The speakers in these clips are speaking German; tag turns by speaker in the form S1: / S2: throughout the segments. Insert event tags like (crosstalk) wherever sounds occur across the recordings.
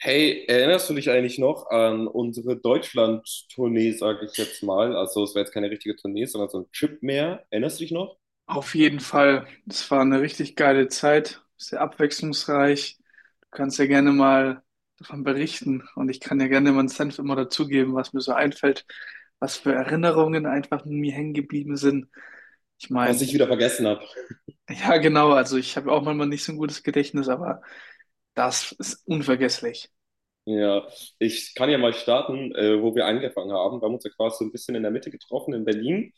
S1: Hey, erinnerst du dich eigentlich noch an unsere Deutschland-Tournee, sage ich jetzt mal? Also es war jetzt keine richtige Tournee, sondern so ein Trip mehr. Erinnerst du dich noch?
S2: Auf jeden Fall. Es war eine richtig geile Zeit, sehr abwechslungsreich. Du kannst ja gerne mal davon berichten und ich kann ja gerne meinen Senf immer dazugeben, was mir so einfällt, was für Erinnerungen einfach in mir hängen geblieben sind. Ich
S1: Was
S2: meine,
S1: ich wieder vergessen.
S2: ja genau, also ich habe auch manchmal nicht so ein gutes Gedächtnis, aber das ist unvergesslich.
S1: Ja, ich kann ja mal starten, wo wir angefangen haben. Wir haben uns ja quasi so ein bisschen in der Mitte getroffen in Berlin,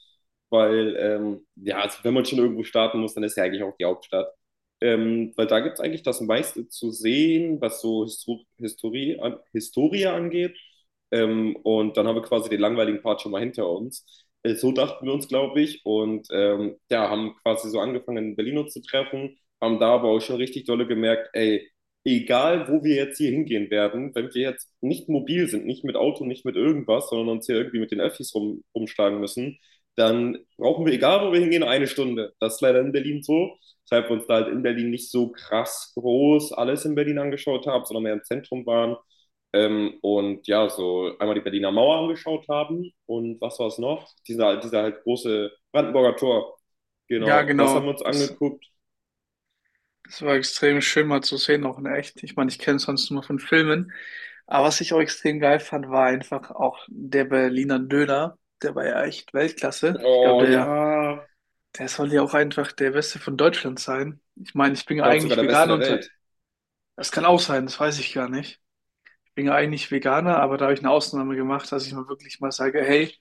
S1: weil, ja, also wenn man schon irgendwo starten muss, dann ist ja eigentlich auch die Hauptstadt. Weil da gibt es eigentlich das meiste zu sehen, was so an Historie angeht. Und dann haben wir quasi den langweiligen Part schon mal hinter uns. So dachten wir uns, glaube ich. Und ja, haben quasi so angefangen, in Berlin uns zu treffen, haben da aber auch schon richtig dolle gemerkt, ey, egal wo wir jetzt hier hingehen werden, wenn wir jetzt nicht mobil sind, nicht mit Auto, nicht mit irgendwas, sondern uns hier irgendwie mit den Öffis rumschlagen müssen, dann brauchen wir, egal wo wir hingehen, eine Stunde. Das ist leider in Berlin so, weshalb wir uns da halt in Berlin nicht so krass groß alles in Berlin angeschaut haben, sondern mehr im Zentrum waren. Und ja, so einmal die Berliner Mauer angeschaut haben und was war es noch? Dieser halt große Brandenburger Tor.
S2: Ja
S1: Genau, das haben
S2: genau,
S1: wir uns
S2: das
S1: angeguckt.
S2: Das war extrem schön mal zu sehen, auch in echt. Ich meine, ich kenne es sonst nur von Filmen. Aber was ich auch extrem geil fand, war einfach auch der Berliner Döner. Der war ja echt Weltklasse. Ich glaube,
S1: Oh
S2: der,
S1: ja,
S2: der soll ja auch einfach der Beste von Deutschland sein. Ich meine, ich bin
S1: ich
S2: ja
S1: glaube sogar
S2: eigentlich
S1: der beste
S2: Veganer
S1: der
S2: und
S1: Welt.
S2: das kann auch sein, das weiß ich gar nicht. Ich bin ja eigentlich Veganer, aber da habe ich eine Ausnahme gemacht, dass ich mal wirklich mal sage, hey,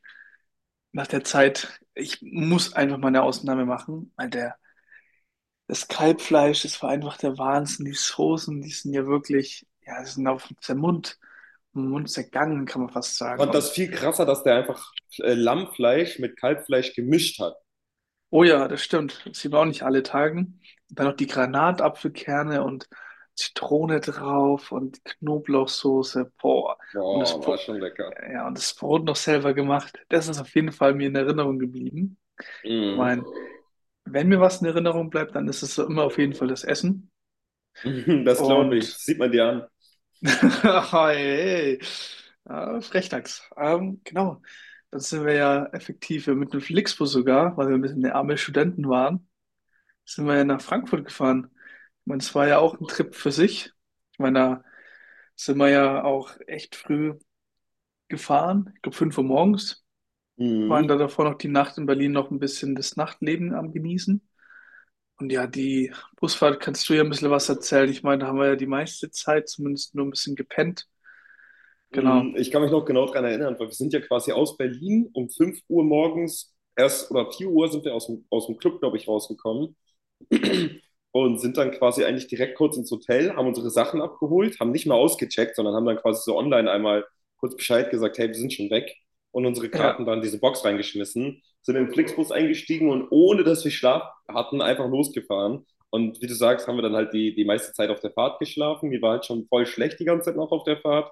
S2: nach der Zeit, ich muss einfach mal eine Ausnahme machen, weil der das Kalbfleisch, das war einfach der Wahnsinn. Die Soßen, die sind ja wirklich, ja, die sind auf den Mund zergangen, kann man fast sagen.
S1: Fand das
S2: Und
S1: viel krasser, dass der einfach Lammfleisch mit Kalbfleisch gemischt hat.
S2: oh ja, das stimmt. Das sieht man auch nicht alle Tagen. Und dann noch die Granatapfelkerne und Zitrone drauf und Knoblauchsoße. Boah. Und das,
S1: Boah, war
S2: Bro-
S1: schon lecker.
S2: ja, und das Brot noch selber gemacht. Das ist auf jeden Fall mir in Erinnerung geblieben. Ich
S1: Mhm.
S2: meine, wenn mir was in Erinnerung bleibt, dann ist es so immer auf jeden Fall das Essen.
S1: (laughs) Das glaube ich.
S2: Und
S1: Sieht man dir an.
S2: (laughs) hey, Frechdachs. Genau, dann sind wir ja effektiv ja mit dem Flixbus sogar, weil wir ein bisschen der arme Studenten waren, sind wir ja nach Frankfurt gefahren. Ich meine, es war ja auch ein Trip für sich. Ich meine, da sind wir ja auch echt früh gefahren. Ich glaube, 5 Uhr morgens waren da
S1: Mhm.
S2: davor noch die Nacht in Berlin noch ein bisschen das Nachtleben am Genießen. Und ja, die Busfahrt kannst du ja ein bisschen was erzählen. Ich meine, da haben wir ja die meiste Zeit zumindest nur ein bisschen gepennt. Genau.
S1: Mhm. Ich kann mich noch genau daran erinnern, weil wir sind ja quasi aus Berlin um 5 Uhr morgens, erst oder 4 Uhr sind wir aus dem, Club, glaube ich, rausgekommen. Und sind dann quasi eigentlich direkt kurz ins Hotel, haben unsere Sachen abgeholt, haben nicht mal ausgecheckt, sondern haben dann quasi so online einmal kurz Bescheid gesagt, hey, wir sind schon weg und unsere
S2: Ja.
S1: Karten dann in diese Box reingeschmissen, sind in den Flixbus eingestiegen und ohne dass wir Schlaf hatten, einfach losgefahren. Und wie du sagst, haben wir dann halt die meiste Zeit auf der Fahrt geschlafen. Mir war halt schon voll schlecht die ganze Zeit noch auf der Fahrt,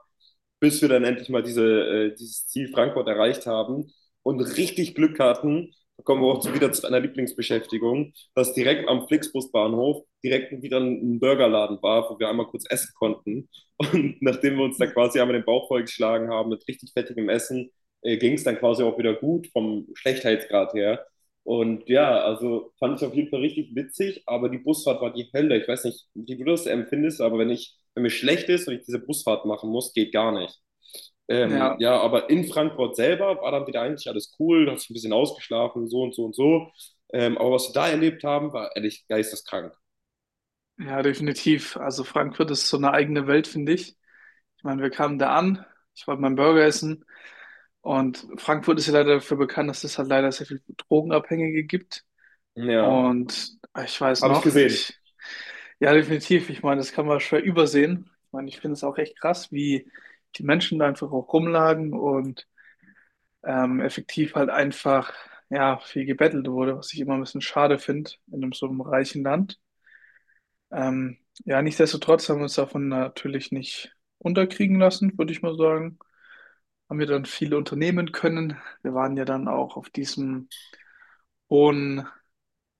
S1: bis wir dann endlich mal dieses Ziel Frankfurt erreicht haben und richtig Glück hatten. Da kommen wir auch zu, wieder zu einer Lieblingsbeschäftigung, dass direkt am Flixbusbahnhof direkt wieder ein Burgerladen war, wo wir einmal kurz essen konnten. Und (laughs) nachdem wir uns da
S2: Ne.
S1: quasi einmal den Bauch vollgeschlagen haben mit richtig fettigem Essen, ging es dann quasi auch wieder gut vom Schlechtheitsgrad her. Und ja, also fand ich auf jeden Fall richtig witzig, aber die Busfahrt war die Hölle. Ich weiß nicht, wie du das empfindest, aber wenn mir schlecht ist und ich diese Busfahrt machen muss, geht gar nicht.
S2: Ja,
S1: Ja, aber in Frankfurt selber war dann wieder eigentlich alles cool, da hast du ein bisschen ausgeschlafen, so und so und so. Aber was wir da erlebt haben, war ehrlich geisteskrank.
S2: ja, definitiv. Also Frankfurt ist so eine eigene Welt, finde ich. Ich meine, wir kamen da an, ich wollte meinen Burger essen und Frankfurt ist ja leider dafür bekannt, dass es halt leider sehr viel Drogenabhängige gibt.
S1: Ja,
S2: Und ich weiß
S1: habe ich
S2: noch,
S1: gesehen.
S2: ja, definitiv. Ich meine, das kann man schwer übersehen. Ich meine, ich finde es auch echt krass, wie die Menschen da einfach auch rumlagen und effektiv halt einfach, ja, viel gebettelt wurde, was ich immer ein bisschen schade finde in einem so einem reichen Land. Ähm, ja, nichtsdestotrotz haben wir uns davon natürlich nicht unterkriegen lassen, würde ich mal sagen. Haben wir dann viele unternehmen können. Wir waren ja dann auch auf diesem hohen,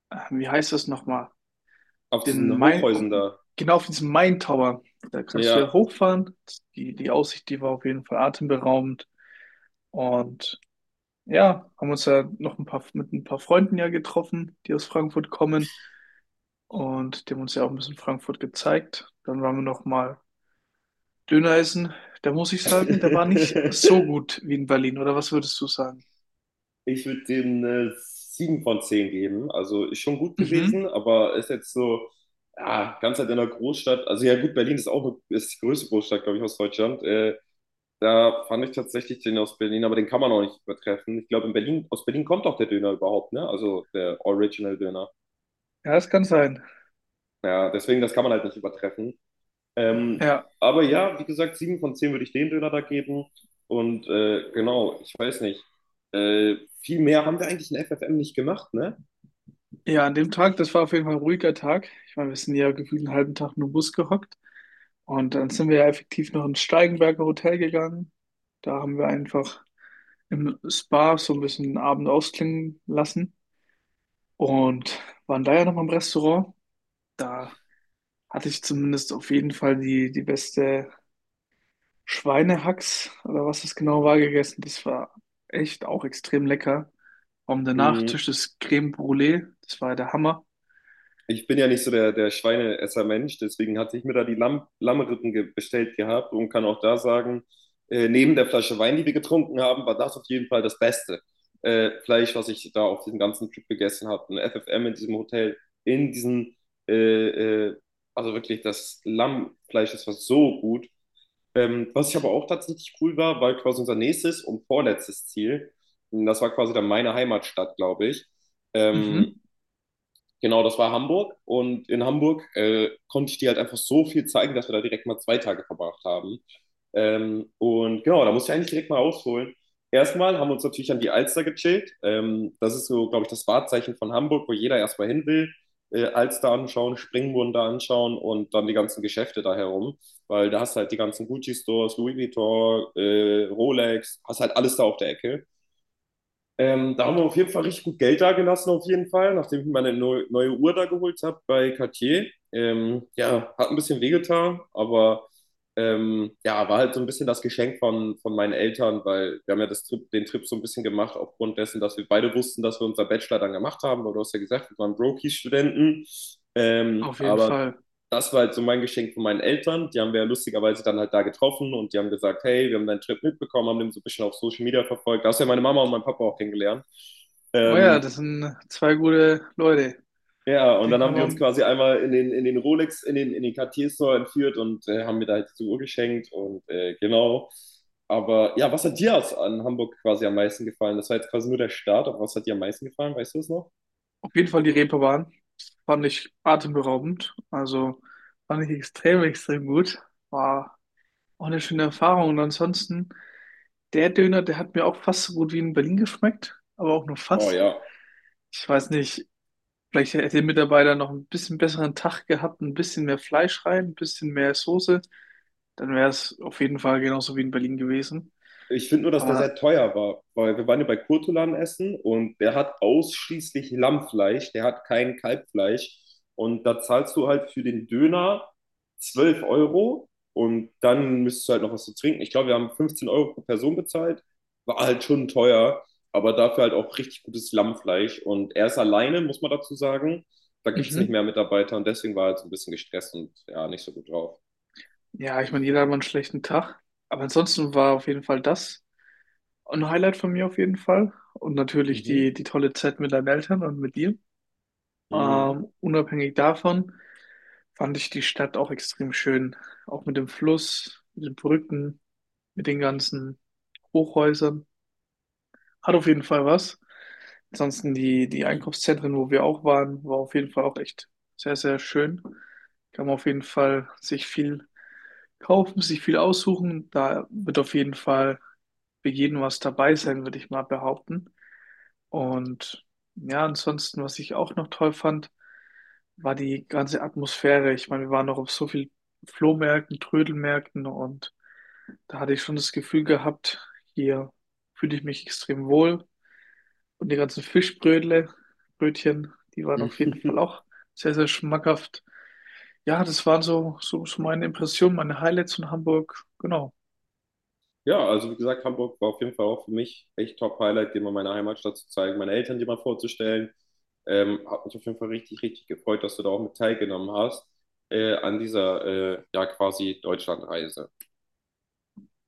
S2: wie heißt das nochmal?
S1: Auf
S2: Den
S1: diesen
S2: Main,
S1: Hochhäusern
S2: um,
S1: da.
S2: genau auf diesem Main Tower. Da kannst du
S1: Ja.
S2: ja hochfahren. Die Aussicht, die war auf jeden Fall atemberaubend. Und ja, haben uns ja noch ein paar mit ein paar Freunden ja getroffen, die aus Frankfurt kommen. Und die haben uns ja auch ein bisschen Frankfurt gezeigt. Dann waren wir noch mal Dönereisen, da muss ich sagen, der war nicht so
S1: (laughs)
S2: gut wie in Berlin, oder was würdest du sagen?
S1: Ich würde dem 7 von 10 geben. Also ist schon gut gewesen,
S2: Mhm.
S1: aber ist jetzt so, ja, ganz halt in der Großstadt. Also ja gut, Berlin ist auch ist die größte Großstadt, glaube ich, aus Deutschland. Da fand ich tatsächlich den aus Berlin, aber den kann man auch nicht übertreffen. Ich glaube, in Berlin, aus Berlin kommt auch der Döner überhaupt, ne? Also der Original-Döner.
S2: Ja, das kann sein.
S1: Ja, deswegen, das kann man halt nicht übertreffen. Ähm,
S2: Ja.
S1: aber ja, wie gesagt, 7 von 10 würde ich den Döner da geben. Und genau, ich weiß nicht. Äh, viel mehr haben wir eigentlich in FFM nicht gemacht, ne?
S2: Ja, an dem Tag, das war auf jeden Fall ein ruhiger Tag. Ich meine, wir sind ja gefühlt einen halben Tag nur im Bus gehockt. Und dann sind wir ja effektiv noch ins Steigenberger Hotel gegangen. Da haben wir einfach im Spa so ein bisschen den Abend ausklingen lassen und waren da ja noch mal im Restaurant. Da hatte ich zumindest auf jeden Fall die beste Schweinehacks oder was es genau war gegessen. Das war echt auch extrem lecker. Und der
S1: Mm,
S2: Nachtisch, das Crème Brûlée, das war der Hammer.
S1: ich bin ja nicht so der Schweineesser-Mensch, deswegen hatte ich mir da die Lammrippen bestellt gehabt und kann auch da sagen, neben der Flasche Wein, die wir getrunken haben, war das auf jeden Fall das beste Fleisch, was ich da auf diesem ganzen Trip gegessen habe. Ein FFM in diesem Hotel, in diesem, äh, äh, also wirklich das Lammfleisch, das war so gut. Was ich aber auch tatsächlich cool war, war quasi unser nächstes und vorletztes Ziel. Und das war quasi dann meine Heimatstadt, glaube ich.
S2: Mhm,
S1: Ähm, Genau, das war Hamburg. Und in Hamburg konnte ich dir halt einfach so viel zeigen, dass wir da direkt mal 2 Tage verbracht haben. Und genau, da muss ich eigentlich direkt mal ausholen. Erstmal haben wir uns natürlich an die Alster gechillt. Das ist so, glaube ich, das Wahrzeichen von Hamburg, wo jeder erstmal hin will. Alster anschauen, Springbrunnen da anschauen und dann die ganzen Geschäfte da herum. Weil da hast du halt die ganzen Gucci-Stores, Louis Vuitton, Rolex, hast halt alles da auf der Ecke. Da haben wir auf jeden Fall richtig gut Geld dagelassen, auf jeden Fall, nachdem ich mir meine neue Uhr da geholt habe bei Cartier. Ja, hat ein bisschen wehgetan, aber ja, war halt so ein bisschen das Geschenk von meinen Eltern, weil wir haben ja den Trip so ein bisschen gemacht, aufgrund dessen, dass wir beide wussten, dass wir unser Bachelor dann gemacht haben, weil du hast ja gesagt, wir waren Brokies-Studenten.
S2: auf jeden
S1: Aber
S2: Fall.
S1: das war halt so mein Geschenk von meinen Eltern. Die haben wir ja lustigerweise dann halt da getroffen und die haben gesagt, hey, wir haben deinen Trip mitbekommen, haben den so ein bisschen auf Social Media verfolgt. Da hast du ja meine Mama und meinen Papa auch kennengelernt.
S2: Naja,
S1: Ähm,
S2: das sind zwei gute Leute.
S1: ja, und
S2: Den
S1: dann
S2: kann
S1: haben die uns
S2: man
S1: quasi einmal in den, Cartier-Store entführt und haben mir da halt die Uhr geschenkt und genau. Aber ja, was hat dir an Hamburg quasi am meisten gefallen? Das war jetzt quasi nur der Start, aber was hat dir am meisten gefallen? Weißt du es noch?
S2: auf jeden Fall die Reeperbahn. Fand ich atemberaubend. Also fand ich extrem, extrem gut. War auch eine schöne Erfahrung. Und ansonsten, der Döner, der hat mir auch fast so gut wie in Berlin geschmeckt, aber auch nur
S1: Oh
S2: fast.
S1: ja.
S2: Ich weiß nicht, vielleicht hätte der Mitarbeiter noch ein bisschen besseren Tag gehabt, ein bisschen mehr Fleisch rein, ein bisschen mehr Soße. Dann wäre es auf jeden Fall genauso wie in Berlin gewesen.
S1: Ich finde nur, dass der sehr
S2: Aber
S1: teuer war, weil wir waren ja bei Kurtulan essen und der hat ausschließlich Lammfleisch, der hat kein Kalbfleisch. Und da zahlst du halt für den Döner 12 Euro und dann müsstest du halt noch was zu trinken. Ich glaube, wir haben 15 Euro pro Person bezahlt. War halt schon teuer, aber dafür halt auch richtig gutes Lammfleisch. Und er ist alleine, muss man dazu sagen. Da gibt es nicht
S2: mhm.
S1: mehr Mitarbeiter und deswegen war er halt so ein bisschen gestresst und ja, nicht so gut drauf.
S2: Ja, ich meine, jeder hat mal einen schlechten Tag. Aber ansonsten war auf jeden Fall das ein Highlight von mir auf jeden Fall. Und natürlich
S1: Mhm.
S2: die tolle Zeit mit deinen Eltern und mit dir.
S1: Mhm.
S2: Unabhängig davon fand ich die Stadt auch extrem schön. Auch mit dem Fluss, mit den Brücken, mit den ganzen Hochhäusern. Hat auf jeden Fall was. Ansonsten die Einkaufszentren, wo wir auch waren, war auf jeden Fall auch echt sehr, sehr schön. Kann man auf jeden Fall sich viel kaufen, sich viel aussuchen. Da wird auf jeden Fall für jeden was dabei sein, würde ich mal behaupten. Und ja, ansonsten, was ich auch noch toll fand, war die ganze Atmosphäre. Ich meine, wir waren noch auf so vielen Flohmärkten, Trödelmärkten und da hatte ich schon das Gefühl gehabt, hier fühle ich mich extrem wohl. Und die ganzen Fischbrötle, Brötchen, die waren auf jeden Fall
S1: (laughs)
S2: auch sehr, sehr schmackhaft. Ja, das waren so meine Impressionen, meine Highlights von Hamburg. Genau.
S1: Ja, also wie gesagt, Hamburg war auf jeden Fall auch für mich echt Top-Highlight, dir mal meine Heimatstadt zu zeigen, meine Eltern dir mal vorzustellen. Hat mich auf jeden Fall richtig, richtig gefreut, dass du da auch mit teilgenommen hast an dieser ja quasi Deutschlandreise.